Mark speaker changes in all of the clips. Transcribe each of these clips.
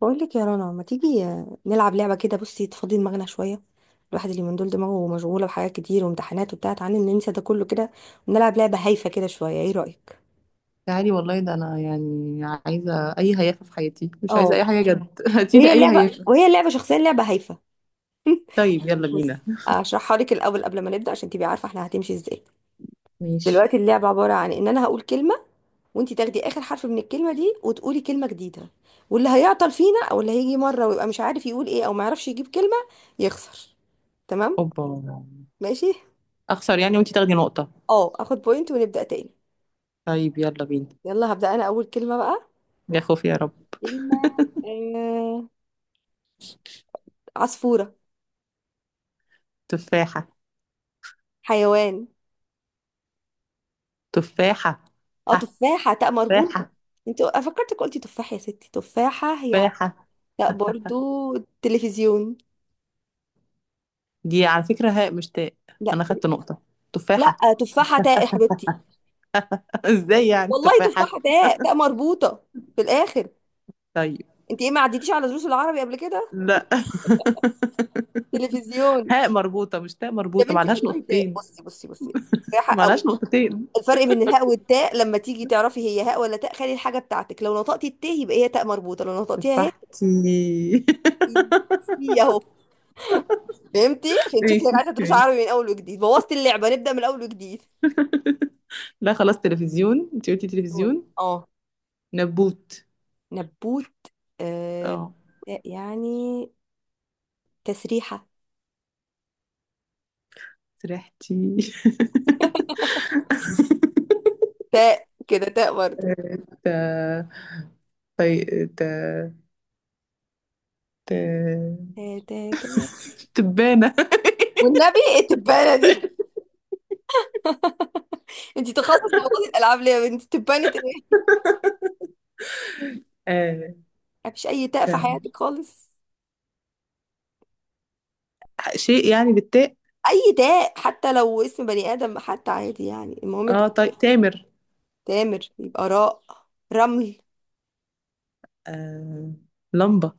Speaker 1: بقول لك يا رنا، ما تيجي نلعب لعبه كده؟ بصي، تفضي دماغنا شويه. الواحد اللي من دول دماغه مشغوله بحاجات كتير وامتحانات وبتاع. تعالى ننسى ده كله كده ونلعب لعبه هايفه كده شويه. ايه رايك؟
Speaker 2: تعالي والله، ده انا عايزه اي هيافه في حياتي، مش عايزه
Speaker 1: اه،
Speaker 2: اي حاجه جد. هاتيلي
Speaker 1: وهي
Speaker 2: اي
Speaker 1: اللعبه،
Speaker 2: هيافه.
Speaker 1: وهي اللعبه شخصيا لعبه هايفه.
Speaker 2: طيب يلا بينا.
Speaker 1: بصي اشرحها لك الاول قبل ما نبدا عشان تبقي عارفه احنا هتمشي ازاي.
Speaker 2: ماشي.
Speaker 1: دلوقتي اللعبه عباره عن ان انا هقول كلمه، وانت تاخدي اخر حرف من الكلمه دي وتقولي كلمه جديده. واللي هيعطل فينا او اللي هيجي مره ويبقى مش عارف يقول ايه او ما يعرفش يجيب كلمه يخسر. تمام؟
Speaker 2: اوبا.
Speaker 1: ماشي.
Speaker 2: اخسر يعني وانتي تاخدي نقطه؟
Speaker 1: اه، اخد بوينت ونبدأ تاني.
Speaker 2: طيب يلا بينا.
Speaker 1: يلا هبدأ انا اول كلمة بقى.
Speaker 2: يا خوفي يا رب.
Speaker 1: كلمة. آه... عصفورة.
Speaker 2: تفاحه.
Speaker 1: حيوان.
Speaker 2: تفاحه.
Speaker 1: اه،
Speaker 2: ح.
Speaker 1: تفاحة تاء مربوطة.
Speaker 2: تفاحه.
Speaker 1: انت فكرتك قلتي تفاح يا ستي. تفاحة هي
Speaker 2: تفاحه.
Speaker 1: تاء برضو. تلفزيون.
Speaker 2: دي على فكره هاء مش تاء.
Speaker 1: لا
Speaker 2: انا خدت
Speaker 1: تل-
Speaker 2: نقطه. تفاحه.
Speaker 1: لا، تفاحة تاء يا حبيبتي.
Speaker 2: ازاي يعني
Speaker 1: والله
Speaker 2: تفاحه؟
Speaker 1: تفاحة تاء، تاء مربوطة في الاخر.
Speaker 2: طيب.
Speaker 1: انت ايه، ما عديتيش على دروس العربي قبل كده؟
Speaker 2: لا.
Speaker 1: تلفزيون
Speaker 2: هاء مربوطه مش تاء
Speaker 1: يا
Speaker 2: مربوطه،
Speaker 1: بنتي،
Speaker 2: معلهاش
Speaker 1: والله تاء.
Speaker 2: نقطتين.
Speaker 1: بصي بصي بصي، تفاحة او
Speaker 2: معلهاش نقطتين.
Speaker 1: الفرق بين الهاء والتاء. لما تيجي تعرفي هي هاء ولا تاء، خلي الحاجة بتاعتك لو نطقتي التاء يبقى هي تاء مربوطة، لو نطقتيها هي
Speaker 2: تفاحتي.
Speaker 1: هي اهو. فهمتي؟ عشان
Speaker 2: ماشي.
Speaker 1: شكلك عايزة دروس
Speaker 2: ماشي.
Speaker 1: عربي من اول وجديد. بوظتي اللعبة، نبدأ من اول وجديد.
Speaker 2: لا خلاص تلفزيون، انت قلتي
Speaker 1: نبتون.
Speaker 2: تلفزيون.
Speaker 1: اه،
Speaker 2: نبوت.
Speaker 1: نبوت. آه
Speaker 2: اه.
Speaker 1: تاء يعني. تسريحة.
Speaker 2: سرحتي.
Speaker 1: تاء كده، تاء برضه.
Speaker 2: ت... طي... ت... ت...
Speaker 1: تاء تاء تاء.
Speaker 2: تبانة.
Speaker 1: والنبي إيه التبانة دي؟ انتي تخصص في موضوع الالعاب ليه يا بنتي؟ تبانة ايه؟
Speaker 2: آه،
Speaker 1: مفيش اي تاء في
Speaker 2: ت-
Speaker 1: حياتك خالص؟
Speaker 2: شيء يعني بالتاء.
Speaker 1: اي داء حتى، لو اسم بني ادم حتى عادي يعني. المهم انت.
Speaker 2: تامر.
Speaker 1: تامر يبقى راء. رمل.
Speaker 2: آه... لمبة.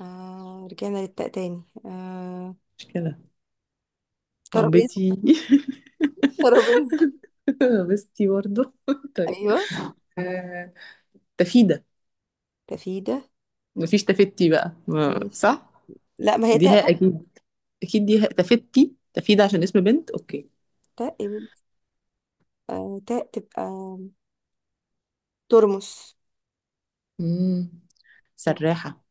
Speaker 1: آه، رجعنا للتاء تاني. آه،
Speaker 2: مش كده.
Speaker 1: ترابيزه.
Speaker 2: لمبتي.
Speaker 1: ترابيزه.
Speaker 2: لبستي برضه. طيب.
Speaker 1: ايوه.
Speaker 2: آه... تفيدة.
Speaker 1: تفيده.
Speaker 2: مفيش تفتي بقى
Speaker 1: ماشي.
Speaker 2: صح.
Speaker 1: لا، ما هي تاء
Speaker 2: ديها
Speaker 1: بقى.
Speaker 2: اكيد. اكيد ديها تفتي تفيدة عشان اسم بنت. اوكي.
Speaker 1: تاء يا بنتي. آه تاء تبقى. ترمس.
Speaker 2: امم.
Speaker 1: يعني
Speaker 2: سراحة.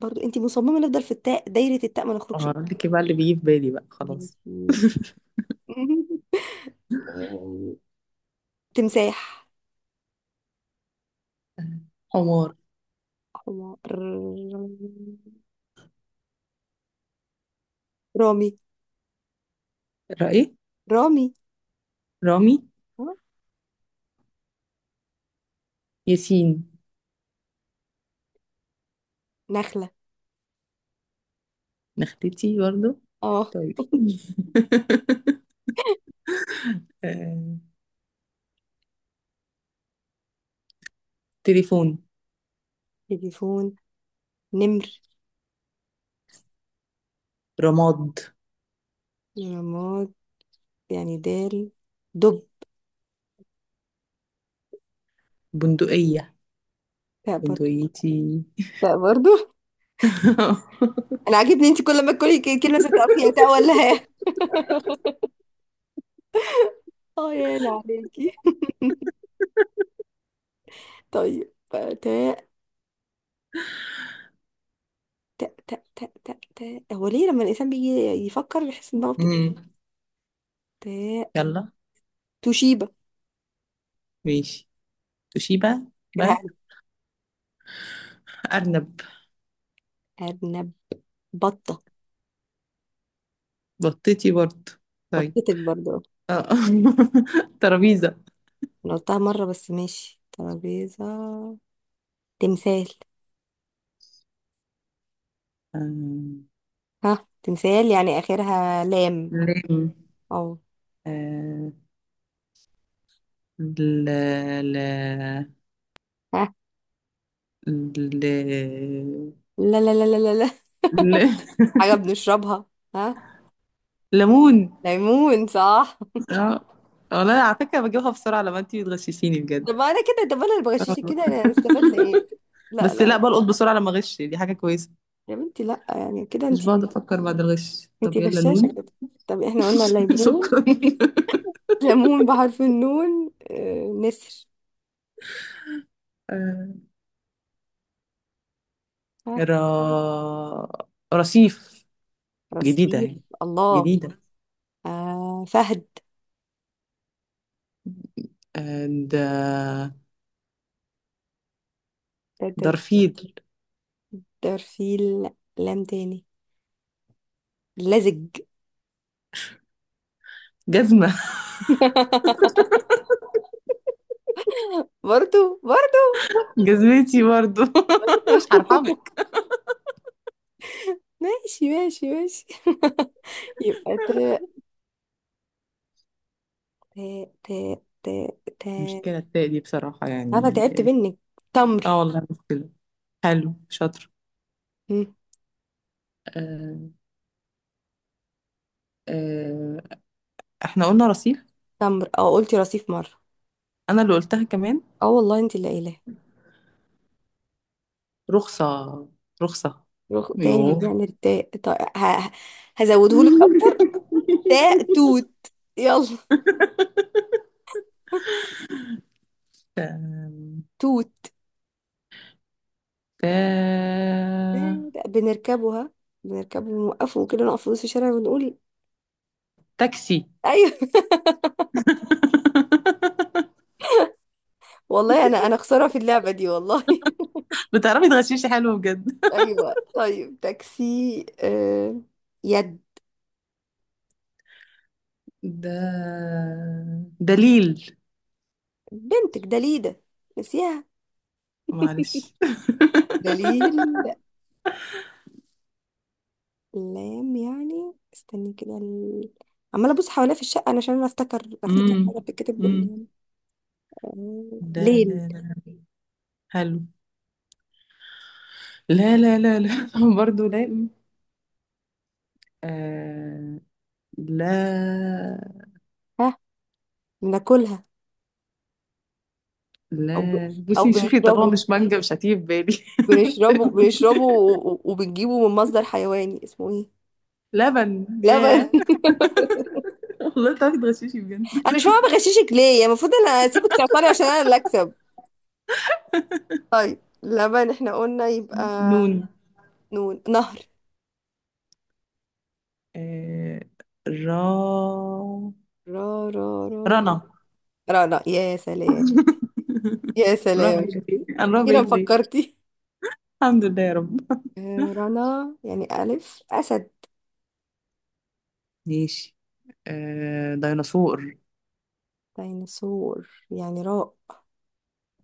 Speaker 1: برضو انت مصممه نفضل في التاء، دايره التاء ما نخرجش منها.
Speaker 2: اقول لك بقى اللي بيجي في بالي بقى خلاص.
Speaker 1: ماشي. تمساح.
Speaker 2: حمار.
Speaker 1: حمار. رامي.
Speaker 2: رأي.
Speaker 1: رامي.
Speaker 2: رامي.
Speaker 1: آه،
Speaker 2: ياسين.
Speaker 1: نخله.
Speaker 2: نختتي برضه.
Speaker 1: اه،
Speaker 2: طيب. آه، تليفون.
Speaker 1: تليفون. نمر.
Speaker 2: رماد.
Speaker 1: رماد يعني دال. دب.
Speaker 2: بندقية.
Speaker 1: تاء برضه.
Speaker 2: بندقيتي.
Speaker 1: تاء برضه. انا عاجبني انت كل ما تقولي كلمه ستبقى فيها تاء ولا هاء. اه يعني عليكي. طيب، تاء تاء تاء تاء تاء تاء. هو ليه لما الانسان بيجي يفكر يحس ان دماغه بتتقفل؟
Speaker 2: مم.
Speaker 1: تاء.
Speaker 2: يلا.
Speaker 1: توشيبا.
Speaker 2: ماشي. توشيبا بقى.
Speaker 1: فاكرها؟
Speaker 2: أرنب.
Speaker 1: أرنب. أرنب. بطه.
Speaker 2: بطتي برضه. طيب.
Speaker 1: بطتك برضه.
Speaker 2: آه. ترابيزة.
Speaker 1: انا قلتها مره، بس ماشي ترابيزه. تمثال.
Speaker 2: آه،
Speaker 1: ها، تمثال يعني اخرها لام.
Speaker 2: ل.
Speaker 1: او
Speaker 2: آه، ل ل ل
Speaker 1: ها؟ لا لا لا لا لا.
Speaker 2: ل.
Speaker 1: حاجة بنشربها. ها؟
Speaker 2: ليمون.
Speaker 1: ليمون، صح.
Speaker 2: اه، والله على فكرة بجيبها بسرعة لما انتي بتغششيني
Speaker 1: طب
Speaker 2: بجد.
Speaker 1: انا كده، طب انا اللي
Speaker 2: آه.
Speaker 1: بغششك كده، انا استفدنا ايه؟ لا
Speaker 2: بس
Speaker 1: لا
Speaker 2: لا،
Speaker 1: لا،
Speaker 2: بلقط بسرعة لما اغش، دي حاجة كويسة.
Speaker 1: يا بنتي، لا يعني كده
Speaker 2: مش بقعد
Speaker 1: انتي.
Speaker 2: افكر بعد الغش. طب
Speaker 1: انتي
Speaker 2: يلا
Speaker 1: غشاشة
Speaker 2: نون.
Speaker 1: كده. طب احنا قلنا ليمون.
Speaker 2: شكرا.
Speaker 1: ليمون بحرف النون. آه، نسر.
Speaker 2: آه،
Speaker 1: ها؟
Speaker 2: را رصيف. جديدة
Speaker 1: رصيف.
Speaker 2: يعني.
Speaker 1: الله.
Speaker 2: جديدة.
Speaker 1: آه، فهد.
Speaker 2: آه، د...
Speaker 1: ده ده ده.
Speaker 2: درفيل.
Speaker 1: ده في لام تاني. لزج.
Speaker 2: جزمة.
Speaker 1: برضو برضو.
Speaker 2: جزمتي برضو. مش هرحمك.
Speaker 1: ماشي ماشي ماشي، يبقى تاء. تاء تاء تاء
Speaker 2: المشكلة التاء دي بصراحة
Speaker 1: عارفه،
Speaker 2: يعني.
Speaker 1: تعبت منك. تمر.
Speaker 2: اه والله مشكلة. حلو شاطر.
Speaker 1: مم.
Speaker 2: آه. آه. احنا قلنا رصيف.
Speaker 1: تمر. اه قلتي رصيف مره.
Speaker 2: انا اللي قلتها كمان.
Speaker 1: اه والله، انت اللي قايلاه.
Speaker 2: رخصة. رخصة.
Speaker 1: روح تاني
Speaker 2: يوه.
Speaker 1: بنعمل التاء، طيب هزوده لك اكتر. تاء، توت. يلا.
Speaker 2: آم،
Speaker 1: توت.
Speaker 2: تا...
Speaker 1: بنركبها. بنركبه ونوقفه وكده، نقف في نص الشارع ونقول.
Speaker 2: تاكسي.
Speaker 1: ايوه. والله انا خساره في اللعبه دي والله.
Speaker 2: بتعرفي تغششي حلو بجد.
Speaker 1: ايوه طيب تاكسي. يد.
Speaker 2: ده. دليل.
Speaker 1: بنتك دليده، نسيها.
Speaker 2: معلش.
Speaker 1: دليل. لام يعني. استني كده. عمالة ابص حواليا في الشقة علشان انا افتكر، افتكر
Speaker 2: امم
Speaker 1: حاجة بتتكتب
Speaker 2: امم.
Speaker 1: بال. آه،
Speaker 2: لا
Speaker 1: ليل.
Speaker 2: لا لا. حلو. لا لا لا لا. برضه لا. آه. لا.
Speaker 1: ها؟ بناكلها. او
Speaker 2: لا،
Speaker 1: او
Speaker 2: بصي شوفي، طالما
Speaker 1: بنشربه.
Speaker 2: مش مانجا مش هتيجي في بالي.
Speaker 1: بنشربه. بنشربه وبنجيبه من مصدر حيواني اسمه ايه؟
Speaker 2: لبن.
Speaker 1: لبن.
Speaker 2: ياه. والله تعرفي تغششي بجد.
Speaker 1: انا مش فاهمة بغششك ليه يعني، المفروض انا اسيبك تعطلي عشان انا اللي اكسب. لبن احنا قلنا، يبقى
Speaker 2: نون.
Speaker 1: نون، نهر.
Speaker 2: آه را
Speaker 1: را را را.
Speaker 2: رنا.
Speaker 1: را لا، يا سلام. يا
Speaker 2: را
Speaker 1: سلام،
Speaker 2: بعيد ليه؟
Speaker 1: شفتي
Speaker 2: انا را
Speaker 1: كده
Speaker 2: بعيد ليه؟
Speaker 1: فكرتي.
Speaker 2: الحمد لله يا رب.
Speaker 1: آه، رنا يعني ألف. أسد.
Speaker 2: ماشي. آه ديناصور.
Speaker 1: ديناصور يعني راء.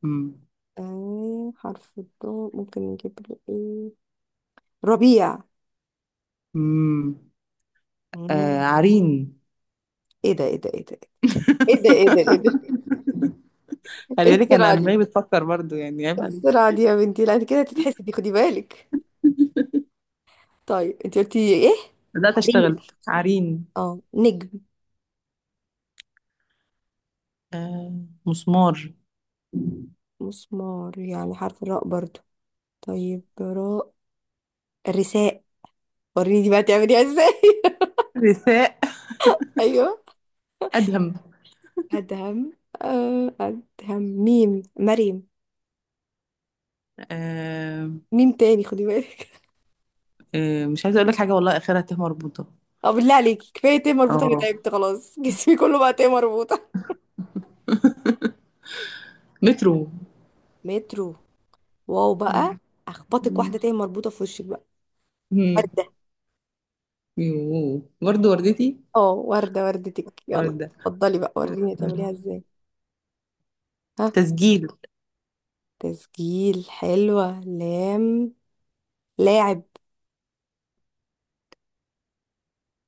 Speaker 2: مم.
Speaker 1: آه، حرف الضاد ممكن نجيب له إيه؟ ربيع.
Speaker 2: مم. آه
Speaker 1: مم.
Speaker 2: عرين.
Speaker 1: إيه ده إيه ده إيه ده؟ إيه ده إيه ده إيه ده؟ إيه
Speaker 2: خلي بالك، انا
Speaker 1: السرعة دي؟
Speaker 2: دماغي بتفكر برضو، يعني عيب
Speaker 1: إيه
Speaker 2: عليكي.
Speaker 1: السرعة دي يا بنتي؟ لا أنت كده تتحسدي، خدي بالك. طيب أنت قلتي إيه؟
Speaker 2: بدأت
Speaker 1: عرين.
Speaker 2: اشتغل. عرين.
Speaker 1: أه، نجم.
Speaker 2: آه مسمار.
Speaker 1: مسمار يعني حرف الراء برضو. طيب، راء. رساء. وريني بقى تعمليها إزاي.
Speaker 2: رثاء.
Speaker 1: أيوه.
Speaker 2: ادهم.
Speaker 1: أدهم. آه، أدهم ميم، مريم.
Speaker 2: آه.
Speaker 1: مين تاني، خدي بالك.
Speaker 2: آه، مش عايزه اقول لك حاجه والله اخرها ت مربوطه.
Speaker 1: اه، بالله عليكي كفايه تيه مربوطه، انا
Speaker 2: اه.
Speaker 1: تعبت خلاص. جسمي كله بقى تيه مربوطه.
Speaker 2: مترو.
Speaker 1: مترو. واو بقى. اخبطك واحده تيه مربوطه في وشك بقى.
Speaker 2: مم.
Speaker 1: ورده.
Speaker 2: يوه. برضو وردتي.
Speaker 1: اه، ورده، وردتك. يلا
Speaker 2: ورده.
Speaker 1: اتفضلي بقى، وريني هتعمليها ازاي. ها؟
Speaker 2: تسجيل.
Speaker 1: تسجيل. حلوه، لام. لاعب.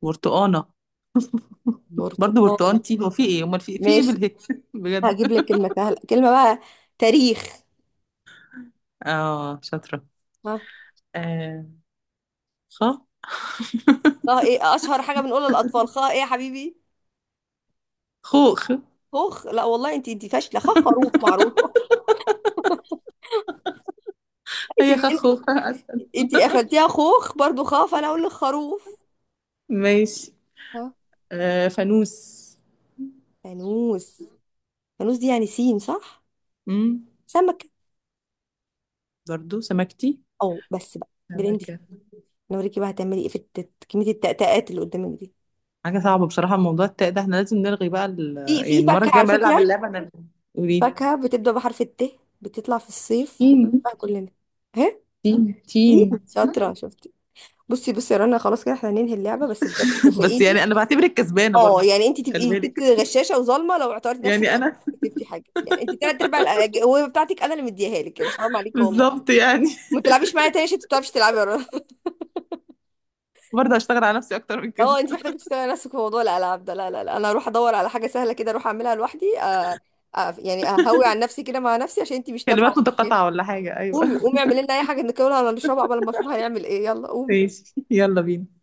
Speaker 2: برتقانه. برضو
Speaker 1: برتقاله.
Speaker 2: برتقانتي. هو في ايه امال، في في ايه
Speaker 1: ماشي،
Speaker 2: بالهي؟ بجد.
Speaker 1: هجيب لك كلمه سهله. كلمه بقى. تاريخ.
Speaker 2: اه شاطره.
Speaker 1: ها؟
Speaker 2: آه. خ.
Speaker 1: خا ايه اشهر حاجه بنقولها للاطفال؟ خا ايه يا حبيبي؟
Speaker 2: خوخ.
Speaker 1: خوخ. لا والله، انت انت فاشله. خا خروف معروفه.
Speaker 2: هي خ
Speaker 1: ماشي.
Speaker 2: خوخ.
Speaker 1: انتي قفلتيها خوخ برضو، خاف انا اقول لك خروف.
Speaker 2: ماشي.
Speaker 1: ها؟
Speaker 2: آه فانوس.
Speaker 1: فانوس. فانوس دي يعني سين، صح.
Speaker 2: امم.
Speaker 1: سمكة.
Speaker 2: برضو سمكتي.
Speaker 1: او بس بقى بالهند فيه.
Speaker 2: سمكة.
Speaker 1: انا اوريكي بقى هتعملي ايه في كمية التأتأات اللي قدامك دي.
Speaker 2: حاجة صعبة بصراحة موضوع التاء ده، احنا لازم نلغي بقى ال...
Speaker 1: في
Speaker 2: يعني
Speaker 1: في
Speaker 2: المرة
Speaker 1: فاكهة
Speaker 2: الجاية
Speaker 1: على
Speaker 2: ما نلعب
Speaker 1: فكرة.
Speaker 2: اللعبة انا. قولي.
Speaker 1: فاكهة بتبدأ بحرف الت، بتطلع في الصيف
Speaker 2: تين.
Speaker 1: بنحبها كلنا. ها؟
Speaker 2: تين تين.
Speaker 1: إيه؟ شاطرة، شفتي. بصي بصي يا رنا، خلاص كده احنا هننهي اللعبة، بس بجد
Speaker 2: بس
Speaker 1: صدقيني.
Speaker 2: يعني انا بعتبرك كسبانة برضو.
Speaker 1: اه يعني انت
Speaker 2: خلي
Speaker 1: تبقي ست
Speaker 2: بالك.
Speaker 1: غشاشة وظالمة لو اعتبرتي نفسك
Speaker 2: يعني انا.
Speaker 1: كسبتي حاجة. يعني انت تلات ارباع الأجوبة بتاعتك انا اللي مديها لك يعني، حرام عليك والله.
Speaker 2: بالظبط يعني.
Speaker 1: ما تلعبيش معايا تاني عشان انت ما بتعرفيش تلعبي يا رنا.
Speaker 2: برضه هشتغل على نفسي اكتر من كده.
Speaker 1: اه، انت محتاجه تشتغلي نفسك في موضوع الالعاب ده. لا لا لا، انا اروح ادور على حاجه سهله كده، اروح اعملها لوحدي. آه، آه يعني اهوي عن نفسي كده، مع نفسي، عشان انت مش نافعه
Speaker 2: كلمات
Speaker 1: معايا.
Speaker 2: متقاطعة ولا حاجة؟ ايوه.
Speaker 1: قومي قومي، اعملي لنا اي حاجه ناكلها ولا نشربها قبل ما اشوف هنعمل ايه. يلا قومي.
Speaker 2: ماشي يلا بينا.